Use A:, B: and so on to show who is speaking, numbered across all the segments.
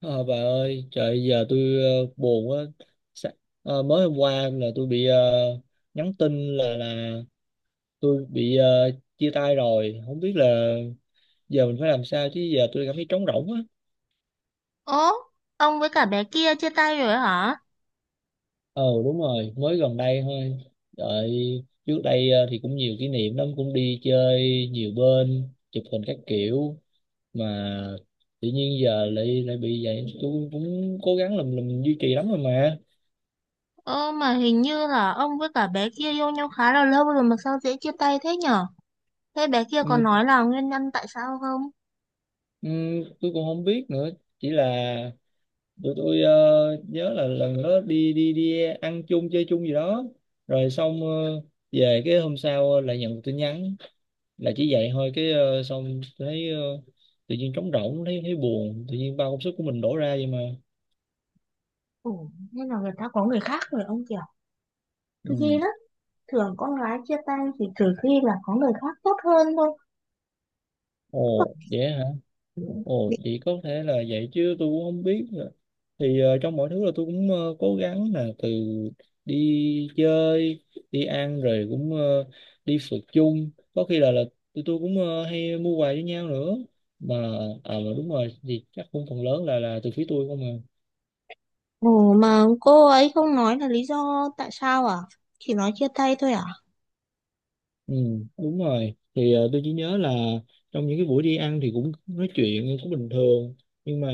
A: Ờ, bà ơi, trời giờ tôi buồn quá. Sa- Mới hôm qua là tôi bị nhắn tin là tôi bị chia tay rồi. Không biết là giờ mình phải làm sao chứ giờ tôi cảm thấy trống rỗng á.
B: Ố, ông với cả bé kia chia tay rồi hả?
A: Ờ đúng rồi, mới gần đây thôi. Đợi trước đây thì cũng nhiều kỷ niệm lắm, cũng đi chơi nhiều bên, chụp hình các kiểu, mà tự nhiên giờ lại lại bị vậy. Tôi cũng cố gắng làm duy trì lắm rồi mà.
B: Ơ mà hình như là ông với cả bé kia yêu nhau khá là lâu rồi mà sao dễ chia tay thế nhở? Thế bé kia
A: Ừ,
B: có nói là nguyên nhân tại sao không?
A: ừ, tôi cũng không biết nữa, chỉ là tụi tôi nhớ là lần đó đi đi đi ăn chung chơi chung gì đó, rồi xong về cái hôm sau lại nhận được tin nhắn là chỉ vậy thôi cái xong thấy tự nhiên trống rỗng, thấy thấy buồn, tự nhiên bao công sức của mình đổ ra vậy mà.
B: Ủa, nên là người ta có người khác rồi ông kiểu. Tôi ghê
A: Ừ.
B: lắm. Thường con gái chia tay thì trừ khi là có người khác tốt hơn thôi.
A: Ồ vậy hả? Ồ, vậy có thể là vậy chứ tôi cũng không biết. Thì trong mọi thứ là tôi cũng cố gắng, là từ đi chơi, đi ăn, rồi cũng đi phượt chung, có khi là tụi tôi cũng hay mua quà với nhau nữa mà. À mà đúng rồi, thì chắc cũng phần lớn là từ phía tôi không à.
B: Ồ mà cô ấy không nói là lý do tại sao à? Chỉ nói chia tay thôi à?
A: Ừ, đúng rồi, thì tôi chỉ nhớ là trong những cái buổi đi ăn thì cũng nói chuyện cũng bình thường, nhưng mà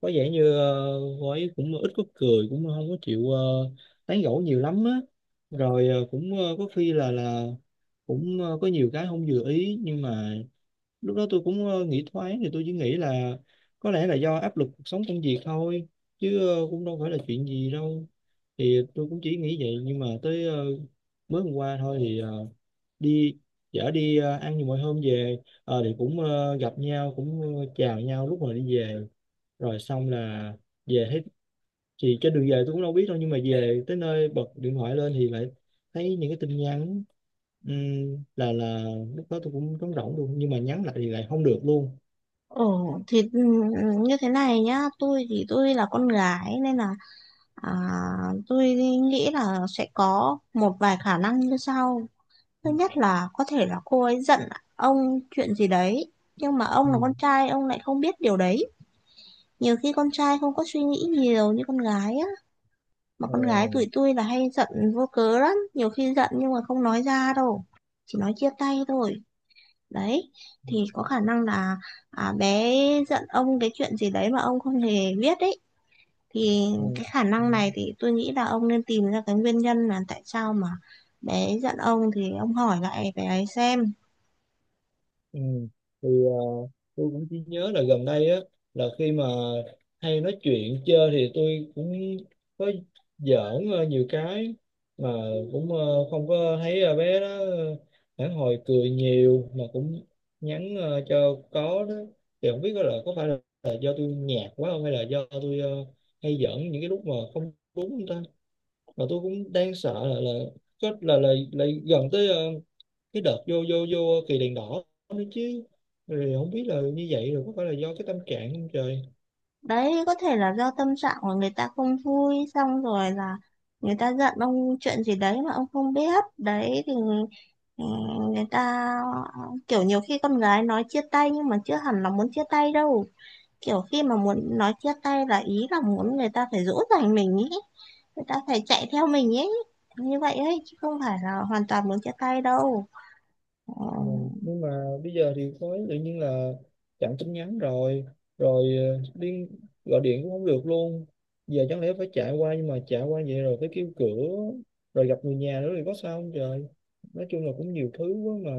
A: có vẻ như cô ấy cũng ít có cười, cũng không có chịu tán gẫu nhiều lắm á. Rồi cũng có khi là cũng có nhiều cái không vừa ý, nhưng mà lúc đó tôi cũng nghĩ thoáng, thì tôi chỉ nghĩ là có lẽ là do áp lực cuộc sống, công việc thôi, chứ cũng đâu phải là chuyện gì đâu. Thì tôi cũng chỉ nghĩ vậy, nhưng mà tới mới hôm qua thôi, thì đi chở đi ăn như mọi hôm về. Thì cũng gặp nhau, cũng chào nhau lúc mà đi về, rồi xong là về thấy, thì trên đường về tôi cũng đâu biết đâu, nhưng mà về tới nơi bật điện thoại lên thì lại thấy những cái tin nhắn. Là lúc đó tôi cũng trống rỗng luôn, nhưng mà nhắn lại thì lại không được luôn.
B: Ồ thì ừ, như thế này nhá, tôi thì tôi là con gái nên là, à, tôi nghĩ là sẽ có một vài khả năng như sau. Thứ
A: Ừ.
B: nhất là có thể là cô ấy giận ông chuyện gì đấy, nhưng mà ông là
A: Ừm.
B: con trai, ông lại không biết điều đấy. Nhiều khi con trai không có suy nghĩ nhiều như con gái á, mà
A: Ờ,
B: con gái tụi tôi là hay giận vô cớ lắm, nhiều khi giận nhưng mà không nói ra đâu, chỉ nói chia tay thôi. Đấy, thì có khả năng là, à, bé giận ông cái chuyện gì đấy mà ông không hề biết đấy, thì cái khả
A: ừ.
B: năng này thì tôi nghĩ là ông nên tìm ra cái nguyên nhân là tại sao mà bé ấy giận ông, thì ông hỏi lại bé ấy xem.
A: Ừ. Thì tôi cũng chỉ nhớ là gần đây á, là khi mà hay nói chuyện chơi thì tôi cũng có giỡn nhiều cái, mà cũng không có thấy bé đó phản hồi cười nhiều, mà cũng nhắn cho có đó. Thì không biết là có phải là do tôi nhạt quá không, hay là do tôi hay giỡn những cái lúc mà không đúng không ta. Mà tôi cũng đang sợ là có là gần tới cái đợt vô vô vô kỳ đèn đỏ nữa chứ, rồi không biết là như vậy rồi có phải là do cái tâm trạng không trời.
B: Đấy có thể là do tâm trạng của người ta không vui, xong rồi là người ta giận ông chuyện gì đấy mà ông không biết đấy, thì ừ, người ta kiểu nhiều khi con gái nói chia tay nhưng mà chưa hẳn là muốn chia tay đâu, kiểu khi mà muốn nói chia tay là ý là muốn người ta phải dỗ dành mình ý, người ta phải chạy theo mình ấy, như vậy ấy chứ không phải là hoàn toàn muốn chia tay đâu. Ờ,
A: Ừ. Nhưng mà bây giờ thì có tự nhiên là chặn tin nhắn rồi rồi gọi điện cũng không được luôn. Giờ chẳng lẽ phải chạy qua, nhưng mà chạy qua vậy rồi phải kêu cửa, rồi gặp người nhà nữa thì có sao không trời. Nói chung là cũng nhiều thứ quá mà.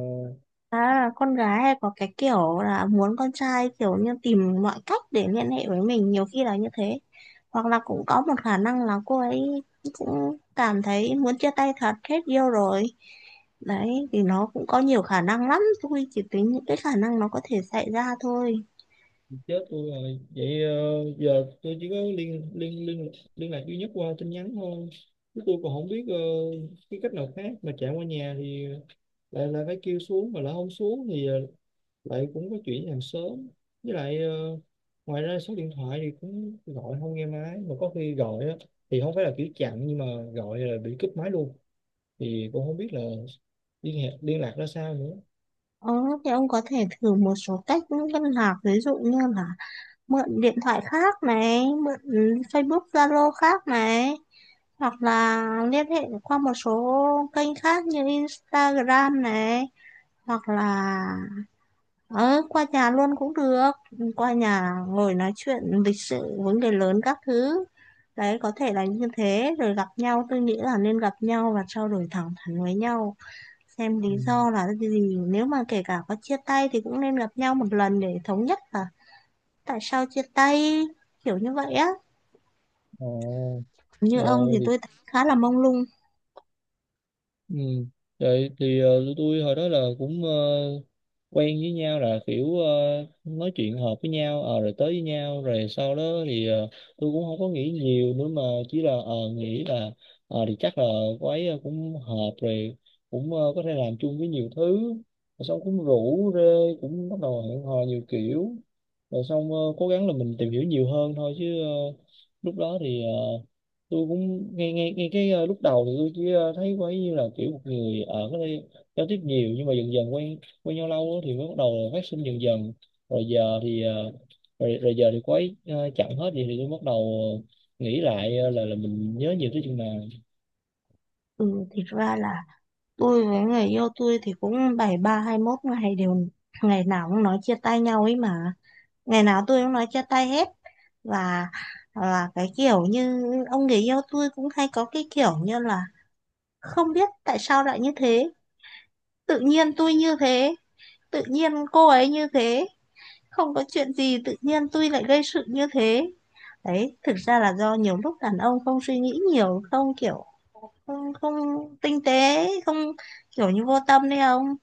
B: à, con gái hay có cái kiểu là muốn con trai kiểu như tìm mọi cách để liên hệ với mình, nhiều khi là như thế. Hoặc là cũng có một khả năng là cô ấy cũng cảm thấy muốn chia tay thật, hết yêu rồi. Đấy thì nó cũng có nhiều khả năng lắm, tôi chỉ tính những cái khả năng nó có thể xảy ra thôi.
A: Chết tôi rồi, vậy giờ tôi chỉ có liên liên liên liên lạc duy nhất qua tin nhắn thôi, chứ tôi còn không biết cái cách nào khác. Mà chạy qua nhà thì lại lại phải kêu xuống, mà lại không xuống thì lại cũng có chuyện làm sớm. Với lại ngoài ra số điện thoại thì cũng gọi không nghe máy, mà có khi gọi á, thì không phải là kiểu chặn, nhưng mà gọi là bị cúp máy luôn. Thì cũng không biết là liên hệ, liên lạc ra sao nữa.
B: ờ, thì ông có thể thử một số cách liên lạc, ví dụ như là mượn điện thoại khác này, mượn Facebook Zalo khác này, hoặc là liên hệ qua một số kênh khác như Instagram này, hoặc là ở qua nhà luôn cũng được, qua nhà ngồi nói chuyện lịch sự, vấn đề lớn các thứ. Đấy có thể là như thế, rồi gặp nhau, tôi nghĩ là nên gặp nhau và trao đổi thẳng thắn với nhau, xem lý
A: Ừ.
B: do là cái gì. Nếu mà kể cả có chia tay thì cũng nên gặp nhau một lần để thống nhất là tại sao chia tay, kiểu như vậy á.
A: Ồ.
B: Như
A: ờ,
B: ông thì
A: thì
B: tôi thấy khá là mông lung.
A: Ừ. Vậy thì tụi tôi hồi đó là cũng quen với nhau là kiểu nói chuyện hợp với nhau, rồi tới với nhau, rồi sau đó thì tôi cũng không có nghĩ nhiều nữa, mà chỉ là nghĩ là thì chắc là cô ấy cũng hợp rồi, cũng có thể làm chung với nhiều thứ, rồi xong cũng rủ rê, cũng bắt đầu hẹn hò nhiều kiểu. Rồi xong cố gắng là mình tìm hiểu nhiều hơn thôi, chứ lúc đó thì tôi cũng nghe nghe nghe cái lúc đầu thì tôi chỉ thấy có như là kiểu một người ở cái đây giao tiếp nhiều, nhưng mà dần dần quen quen nhau lâu á thì mới bắt đầu là phát sinh dần dần. Rồi giờ thì rồi giờ thì cô ấy chặn hết, vậy thì tôi bắt đầu ờ, nghĩ lại là mình nhớ nhiều tới chừng nào.
B: Ừ, thì ra là tôi với người yêu tôi thì cũng 7-3-21 ngày đều, ngày nào cũng nói chia tay nhau ấy mà. Ngày nào tôi cũng nói chia tay hết. Và là cái kiểu như ông người yêu tôi cũng hay có cái kiểu như là không biết tại sao lại như thế. Tự nhiên tôi như thế, tự nhiên cô ấy như thế. Không có chuyện gì tự nhiên tôi lại gây sự như thế. Đấy, thực ra là do nhiều lúc đàn ông không suy nghĩ nhiều, không kiểu, không không tinh tế, không kiểu như vô tâm đấy ông.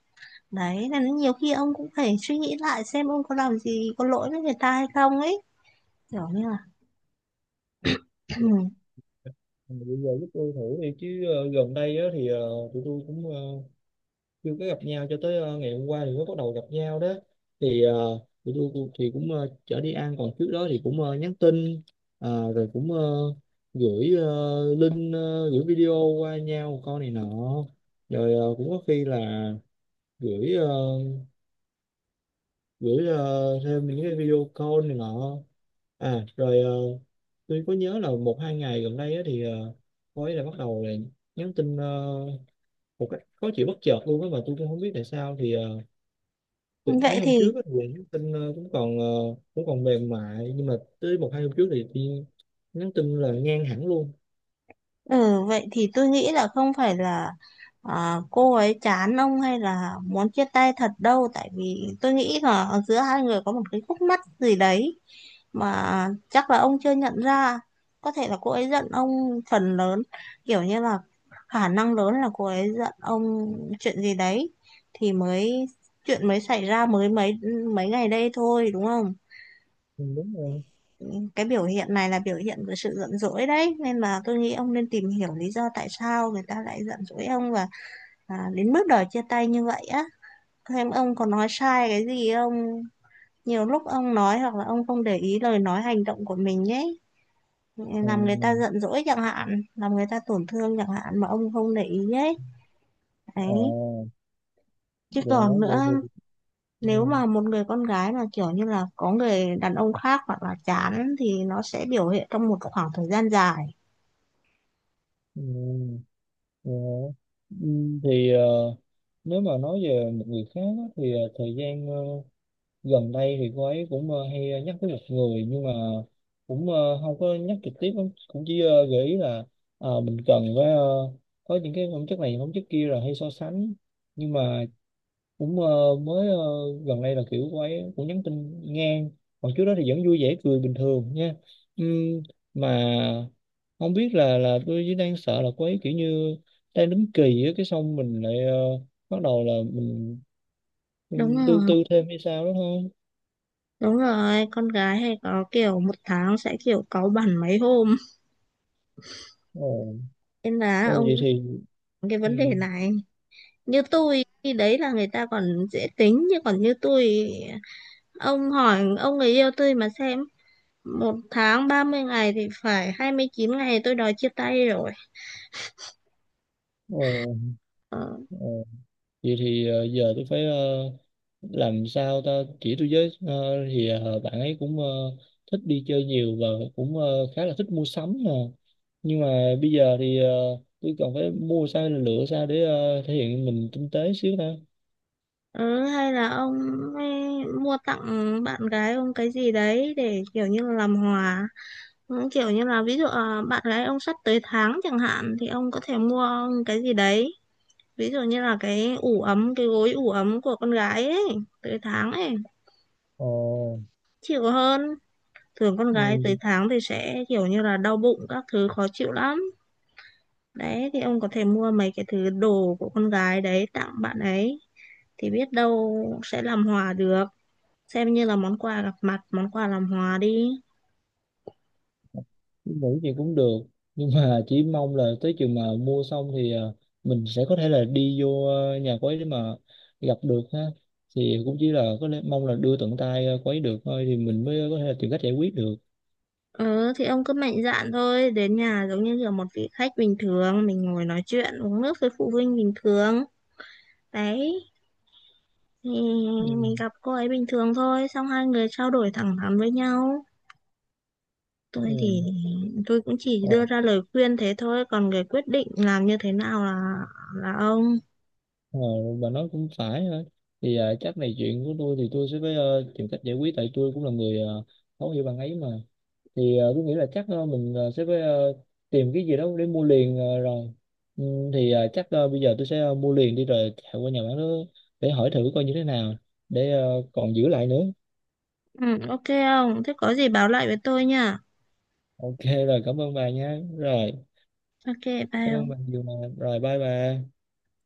B: Đấy nên nhiều khi ông cũng phải suy nghĩ lại xem ông có làm gì có lỗi với người ta hay không ấy, kiểu như là
A: Mà bây giờ giúp tôi thử đi chứ, gần đây á, thì tụi tôi cũng chưa có gặp nhau cho tới ngày hôm qua thì mới bắt đầu gặp nhau đó. Thì thì cũng chở đi ăn, còn trước đó thì cũng nhắn tin, rồi cũng gửi link, gửi video qua nhau con này nọ. Rồi cũng có khi là gửi ờ, gửi thêm những cái video call này nọ. À rồi tôi có nhớ là một hai ngày gần đây á, thì cô ấy là bắt đầu là nhắn tin một cách khó chịu bất chợt luôn á, mà tôi cũng không biết tại sao. Thì thì mấy
B: vậy
A: hôm
B: thì.
A: trước á, Quỳnh nhắn tin cũng còn mềm mại, nhưng mà tới một hai hôm trước thì nhắn tin là ngang hẳn luôn.
B: Ừ, vậy thì tôi nghĩ là không phải là, à, cô ấy chán ông hay là muốn chia tay thật đâu, tại vì tôi nghĩ là ở giữa hai người có một cái khúc mắc gì đấy mà chắc là ông chưa nhận ra. Có thể là cô ấy giận ông phần lớn, kiểu như là khả năng lớn là cô ấy giận ông chuyện gì đấy, thì mới chuyện mới xảy ra mới mấy mấy ngày đây thôi, đúng không?
A: Ừ, đúng rồi.
B: Cái biểu hiện này là biểu hiện của sự giận dỗi đấy, nên mà tôi nghĩ ông nên tìm hiểu lý do tại sao người ta lại giận dỗi ông và, à, đến bước đòi chia tay như vậy á. Thêm ông có nói sai cái gì không, nhiều lúc ông nói hoặc là ông không để ý lời nói hành động của mình ấy,
A: ờ
B: làm người ta giận dỗi chẳng hạn, làm người ta tổn thương chẳng hạn mà ông không để ý ấy. Đấy,
A: ờ
B: chứ
A: dạ,
B: còn nữa,
A: vậy thì ừ,
B: nếu mà một người con gái mà kiểu như là có người đàn ông khác hoặc là chán thì nó sẽ biểu hiện trong một khoảng thời gian dài.
A: ừ, dạ. Ừ, thì nếu mà nói về một người khác á, thì thời gian gần đây thì cô ấy cũng hay nhắc tới một người, nhưng mà cũng không có nhắc trực tiếp lắm, cũng chỉ gợi ý là mình cần phải có những cái phẩm chất này phẩm chất kia, rồi hay so sánh. Nhưng mà cũng mới gần đây là kiểu cô ấy cũng nhắn tin ngang, còn trước đó thì vẫn vui vẻ cười bình thường nha. Ừm, mà không biết là tôi chỉ đang sợ là cô ấy kiểu như đang đứng kỳ á, cái xong mình lại bắt đầu là mình,
B: Đúng
A: mình
B: rồi.
A: tương tư thêm hay sao đó
B: Đúng rồi, con gái hay có kiểu một tháng sẽ kiểu cáu bẳn mấy hôm.
A: thôi.
B: Nên là
A: Ô,
B: ông
A: vậy
B: cũng
A: thì
B: có cái
A: ừ,
B: vấn đề này. Như tôi, khi đấy là người ta còn dễ tính. Nhưng còn như tôi, ông hỏi ông người yêu tôi mà xem. Một tháng 30 ngày thì phải 29 ngày tôi đòi chia tay rồi.
A: ồ,
B: Ờ,
A: ồ, vậy thì giờ tôi phải làm sao ta, chỉ tôi với. Ờ, thì bạn ấy cũng thích đi chơi nhiều, và cũng khá là thích mua sắm nè, nhưng mà bây giờ thì tôi cần phải mua sao, lựa sao để thể hiện mình tinh tế xíu ta.
B: ừ, hay là ông ấy mua tặng bạn gái ông cái gì đấy để kiểu như là làm hòa. Ừ, kiểu như là ví dụ à, bạn gái ông sắp tới tháng chẳng hạn thì ông có thể mua cái gì đấy, ví dụ như là cái ủ ấm, cái gối ủ ấm của con gái ấy, tới tháng ấy
A: Ồ,
B: chịu hơn. Thường con gái
A: ừ,
B: tới tháng thì sẽ kiểu như là đau bụng các thứ, khó chịu lắm. Đấy thì ông có thể mua mấy cái thứ đồ của con gái đấy tặng bạn ấy, thì biết đâu sẽ làm hòa được, xem như là món quà gặp mặt, món quà làm hòa đi.
A: nghĩ gì cũng được, nhưng mà chỉ mong là tới chừng mà mua xong thì mình sẽ có thể là đi vô nhà quấy để mà gặp được ha. Thì cũng chỉ là có lẽ mong là đưa tận tay quấy được thôi, thì mình mới có thể là tìm cách giải quyết được.
B: Ừ thì ông cứ mạnh dạn thôi, đến nhà giống như là một vị khách bình thường, mình ngồi nói chuyện uống nước với phụ huynh bình thường. Đấy thì
A: Ừ.
B: mình gặp cô ấy bình thường thôi, xong hai người trao đổi thẳng thắn với nhau.
A: Ừ.
B: Tôi thì tôi cũng chỉ
A: Ờ,
B: đưa ra lời khuyên thế thôi, còn người quyết định làm như thế nào là ông.
A: ờ, bà nói cũng phải ha. Thì chắc này, chuyện của tôi thì tôi sẽ phải tìm cách giải quyết, tại tôi cũng là người thấu hiểu bạn ấy mà. Thì tôi nghĩ là chắc mình sẽ phải tìm cái gì đó để mua liền rồi. Ừ, thì chắc bây giờ tôi sẽ mua liền đi, rồi chạy qua nhà bán đó để hỏi thử coi như thế nào, để còn giữ lại nữa.
B: Ừ, ok ông, thế có gì báo lại với tôi nha.
A: Ok, rồi cảm ơn bà nha. Rồi
B: Ok, bye
A: cảm ơn bà
B: ông.
A: nhiều mà, rồi bye bà.